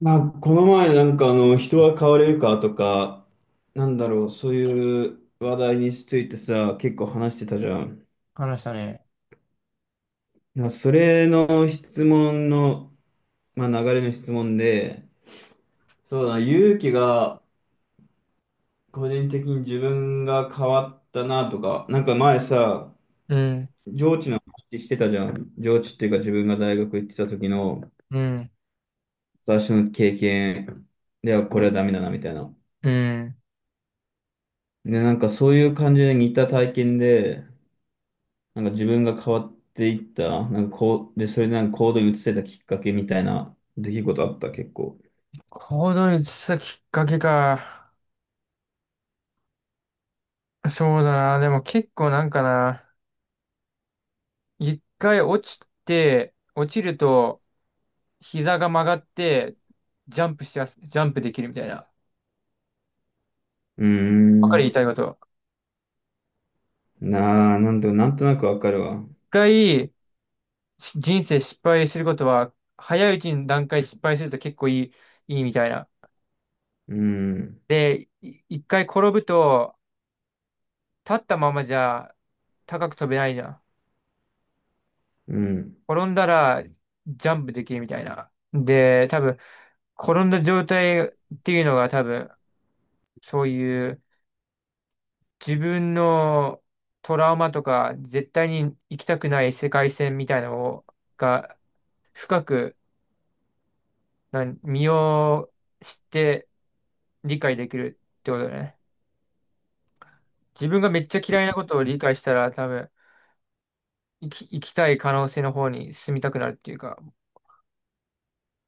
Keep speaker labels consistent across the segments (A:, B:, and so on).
A: まあ、この前あの人は変われるかとか、そういう話題についてさ、結構話してたじゃん。
B: 話したね。
A: いやそれの質問の、まあ、流れの質問で、そうだな、勇気が個人的に自分が変わったなとか、なんか前さ、
B: うん、
A: 上智の話してたじゃん。上智っていうか自分が大学行ってた時の
B: うん、
A: 私の経験ではこれはダメだなみたいな。
B: うん。
A: で、なんかそういう感じで似た体験で、なんか自分が変わっていった、なんかこう、で、それでなんか行動に移せたきっかけみたいな出来事あった、結構。
B: 行動に移したきっかけか。そうだな。でも結構なんかな。一回落ちて、落ちると膝が曲がって、ジャンプできるみたいな。
A: うー
B: わかる
A: ん。
B: 言いたいこと。
A: なあ、なんとなくわかるわ。う
B: 一回し人生失敗することは、早いうちに段階失敗すると結構いい、いいみたいな。
A: ーん。
B: で、一回転ぶと、立ったままじゃ高く飛べないじゃん。
A: うん。
B: 転んだらジャンプできるみたいな。で、多分、転んだ状態っていうのが多分、そういう自分のトラウマとか、絶対に行きたくない世界線みたいなのが、深く、身を知って理解できるってことだね。自分がめっちゃ嫌いなことを理解したら、多分、生きたい可能性の方に進みたくなるっていうか、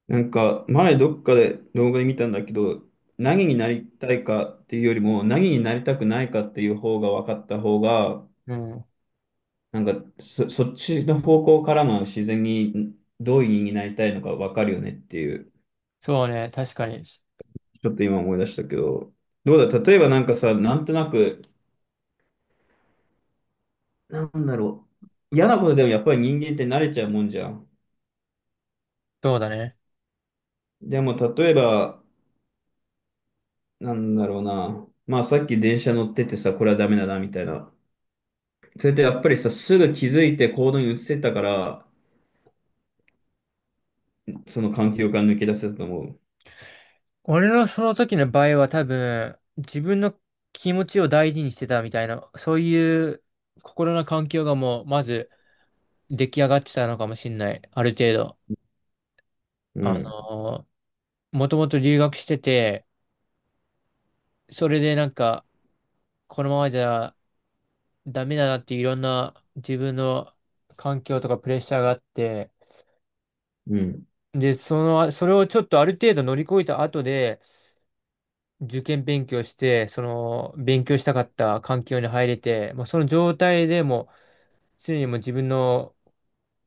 A: なんか、前どっかで動画で見たんだけど、何になりたいかっていうよりも、何になりたくないかっていう方が分かった方が、
B: うん。
A: なんかそっちの方向からも自然にどういう人になりたいのか分かるよねっていう、
B: そうね、確かに。
A: ちょっと今思い出したけど、どうだ、例えばなんかさ、なんとなくなんだろう。嫌なことでもやっぱり人間って慣れちゃうもんじゃん。
B: そうだね。
A: でも例えば、なんだろうな。まあさっき電車乗っててさ、これはダメだな、みたいな。それってやっぱりさ、すぐ気づいて行動に移せたから、その環境から抜け出せたと思う。
B: 俺のその時の場合は多分、自分の気持ちを大事にしてたみたいな、そういう心の環境がもう、まず出来上がってたのかもしれない。ある程度。
A: う
B: あ
A: ん。
B: のもともと留学してて、それでなんか、このままじゃダメだなっていろんな自分の環境とかプレッシャーがあって、
A: うん。
B: で、その、それをちょっとある程度乗り越えた後で、受験勉強して、その、勉強したかった環境に入れて、もうその状態でもう常にもう自分の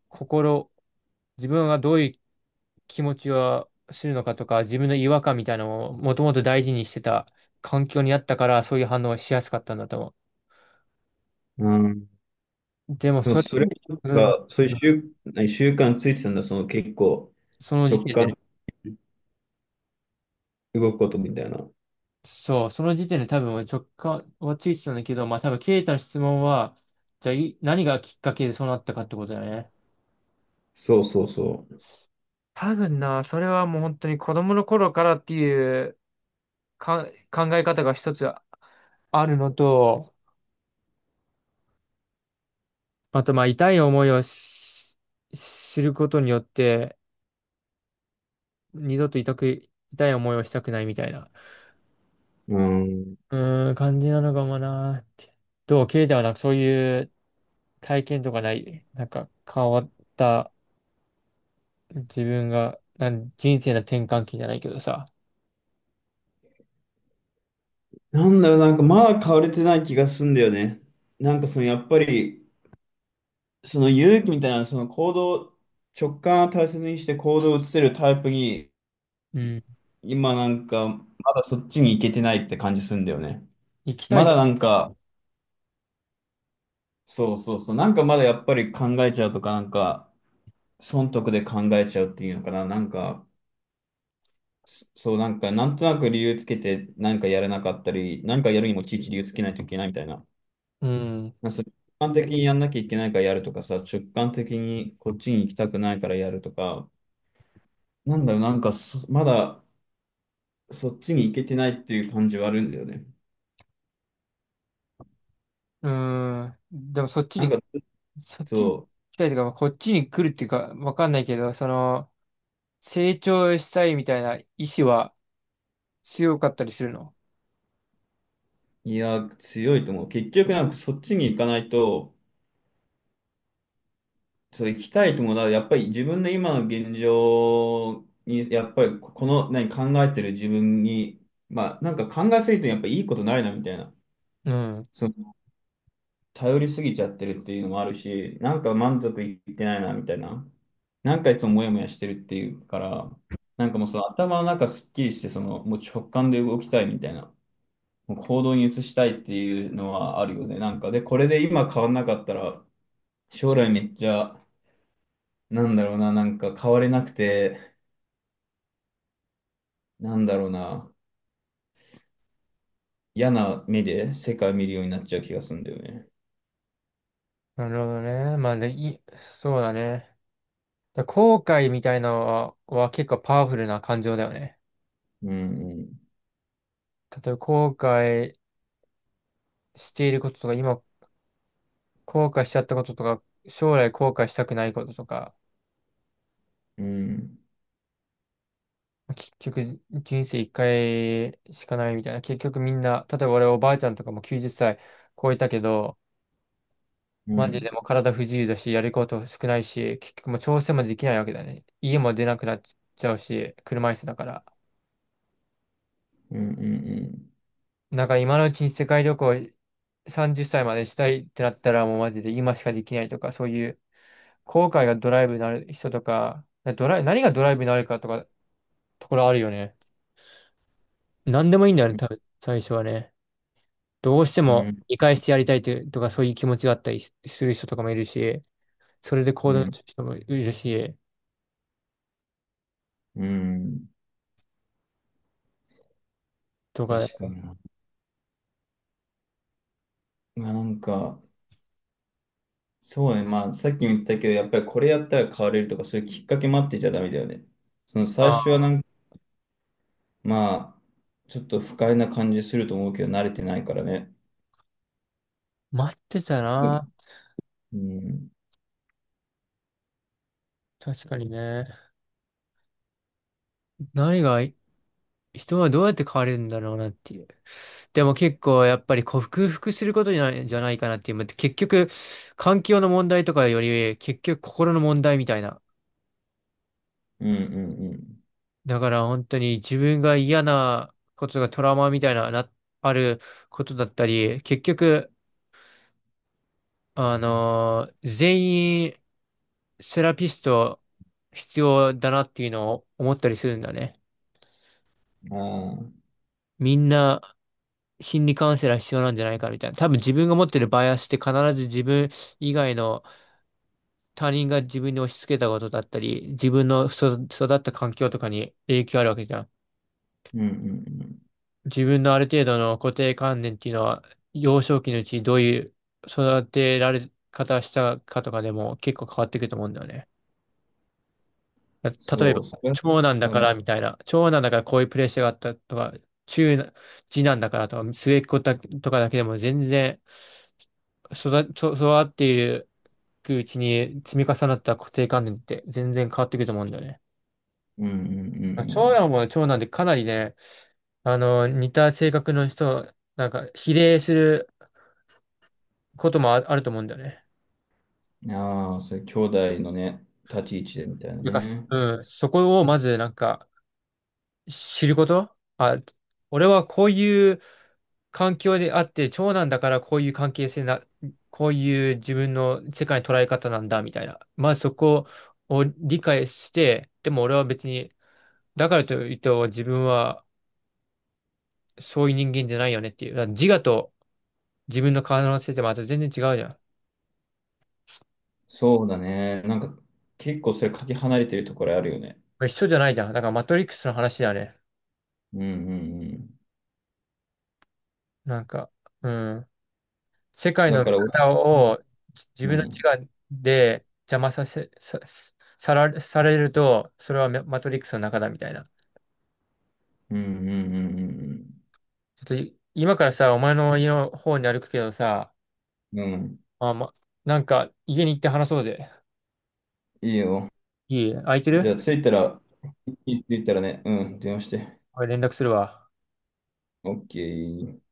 B: 心、自分がどういう気持ちをするのかとか、自分の違和感みたいなのをもともと大事にしてた環境にあったから、そういう反応をしやすかったんだと思
A: うん。
B: う。でも、
A: でも
B: それ、
A: それ
B: うん、
A: が、そういう習、何習慣ついてたんだ、その結構、
B: その時
A: 直
B: 点で
A: 感
B: ね、
A: で動くことみたいな。
B: そう、その時点で多分直感はついてたんだけど、まあ多分、ケイタの質問は、じゃあ何がきっかけでそうなったかってことだよね。
A: そうそうそ
B: 多分な、それはもう本当に子供の頃からっていうか、考え方が一つあるのと、あと、まあ、痛い思いをし知ることによって、二度と痛く、痛い思いをしたくないみたいな、
A: う。うん。
B: うーん、感じなのかもなーって。どう、ケイタはなんかそういう体験とかない、なんか変わった自分が、人生の転換期じゃないけどさ、
A: なんだろう、なんかまだ変われてない気がすんだよね。なんかそのやっぱり、その勇気みたいな、その行動、直感を大切にして行動を移せるタイプに、
B: うん、
A: 今なんか、まだそっちに行けてないって感じするんだよね。
B: 行きた
A: ま
B: い
A: だ
B: と、
A: なんか、そうそうそう、なんかまだやっぱり考えちゃうとか、なんか、損得で考えちゃうっていうのかな、なんか、そう、なんか、なんとなく理由つけて、なんかやれなかったり、なんかやるにもちいち理由つけないといけないみたいな。
B: うん、
A: なんかそう直感的にやんなきゃいけないからやるとかさ、直感的にこっちに行きたくないからやるとか、なんだろう、なんかそまだ、そっちに行けてないっていう感じはあるんだよね。
B: うーん、でもそっち
A: なんか、
B: に、
A: ちょっ
B: そっちに行
A: と、
B: きたいとか、まあこっちに来るっていうか、わかんないけど、その、成長したいみたいな意志は強かったりするの、
A: いや、強いと思う。結局、なんかそっちに行かないと、そう行きたいと思うなやっぱり自分の今の現状に、やっぱりこの、何、考えてる自分に、まあ、なんか考えすぎてやっぱいいことないな、みたいな。
B: うん。
A: その、頼りすぎちゃってるっていうのもあるし、なんか満足いってないな、みたいな。なんかいつもモヤモヤしてるっていうから、なんかもうその頭の中すっきりして、その、もう直感で動きたいみたいな。行動に移したいっていうのはあるよね。なんか、で、これで今変わんなかったら、将来めっちゃ、なんだろうな、なんか変われなくて、なんだろうな、嫌な目で世界見るようになっちゃう気がするんだよね。
B: なるほどね。そうだね。後悔みたいなのは、結構パワフルな感情だよね。
A: うん、
B: 例えば後悔していることとか、今後悔しちゃったこととか、将来後悔したくないこととか、
A: うん、うん、
B: 結局人生一回しかないみたいな。結局みんな、例えば俺おばあちゃんとかも90歳超えたけど、
A: う
B: マジ
A: ん、
B: でもう体不自由だし、やること少ないし、結局もう調整もできないわけだね。家も出なくなっちゃうし、車椅子だから。
A: うん、うん、
B: だから今のうちに世界旅行30歳までしたいってなったらもうマジで今しかできないとか、そういう後悔がドライブになる人とか、ドライ、何がドライブになるかとか、ところあるよね。何でもいいんだよね、多分、最初はね。どうして
A: う
B: も
A: ん、
B: 見返してやりたいというとか、そういう気持ちがあったりする人とかもいるし、それで行
A: う
B: 動す
A: ん、
B: る人もいるし、
A: うん、
B: とか、
A: 確かにな。まあ、なんか、そうね、まあ、さっきも言ったけど、やっぱりこれやったら変われるとか、そういうきっかけ待ってちゃダメだよね。その最
B: あ
A: 初
B: あ、
A: はなんかまあ、ちょっと不快な感じすると思うけど、慣れてないからね。
B: 待ってたな。
A: うん、
B: 確かにね。何が人はどうやって変われるんだろうなっていう。でも結構やっぱり克服することじゃない、じゃないかなっていう。結局、環境の問題とかより、結局心の問題みたいな。
A: うん、うん
B: だから本当に自分が嫌なことがトラウマみたいな、あることだったり、結局、全員セラピスト必要だなっていうのを思ったりするんだね。
A: うん。ああ、
B: みんな心理カウンセラー必要なんじゃないかみたいな。多分自分が持ってるバイアスって必ず自分以外の他人が自分に押し付けたことだったり、自分の育った環境とかに影響あるわけじゃん。
A: うん、うん、うん。
B: 自分のある程度の固定観念っていうのは、幼少期のうちどういう育てられ方したかとかでも結構変わってくると思うんだよね。例え
A: そ
B: ば、
A: う、それは
B: 長男だ
A: あ
B: か
A: る。
B: らみたいな、長男だからこういうプレッシャーがあったとか、中な、次男だからとか、末っ子だとかだけでも全然育、育っていくうちに積み重なった固定観念って全然変わってくると思うんだよね。
A: うん、うん、う
B: 長
A: ん、
B: 男も長男でかなりね、あの、似た性格の人、なんか、比例することもあ、あると思うんだよね。
A: うん。ああ、それ、兄弟のね、立ち位置でみたいな
B: だか
A: ね。
B: ら、うん、そこをまず、なんか、知ること。あ、俺はこういう環境であって、長男だからこういう関係性な、こういう自分の世界の捉え方なんだ、みたいな。まずそこを理解して、でも俺は別に、だからといって自分はそういう人間じゃないよねっていう。だから自我と、自分の体の性ってまた全然違うじゃん。こ
A: そうだね。なんか、結構それ、かけ離れてるところあるよね。
B: れ一緒じゃないじゃん。だからマトリックスの話だね。
A: うん、うん、うん。
B: なんか、うん。世界
A: だ
B: の
A: か
B: 見
A: ら、俺
B: 方を自
A: う
B: 分の
A: ん、うん、
B: 自我で邪魔させ、さ、さら、されると、それはマトリックスの中だみたいな。
A: うん、うん、
B: ちょっと今からさ、お前の家の方に歩くけどさ、
A: うん。うん、
B: あ、ま、なんか家に行って話そうぜ。
A: いいよ。
B: いい空いてる
A: じゃあ、着いたら、着いたらね、うん、電話して。
B: 俺連絡するわ。
A: オッケー。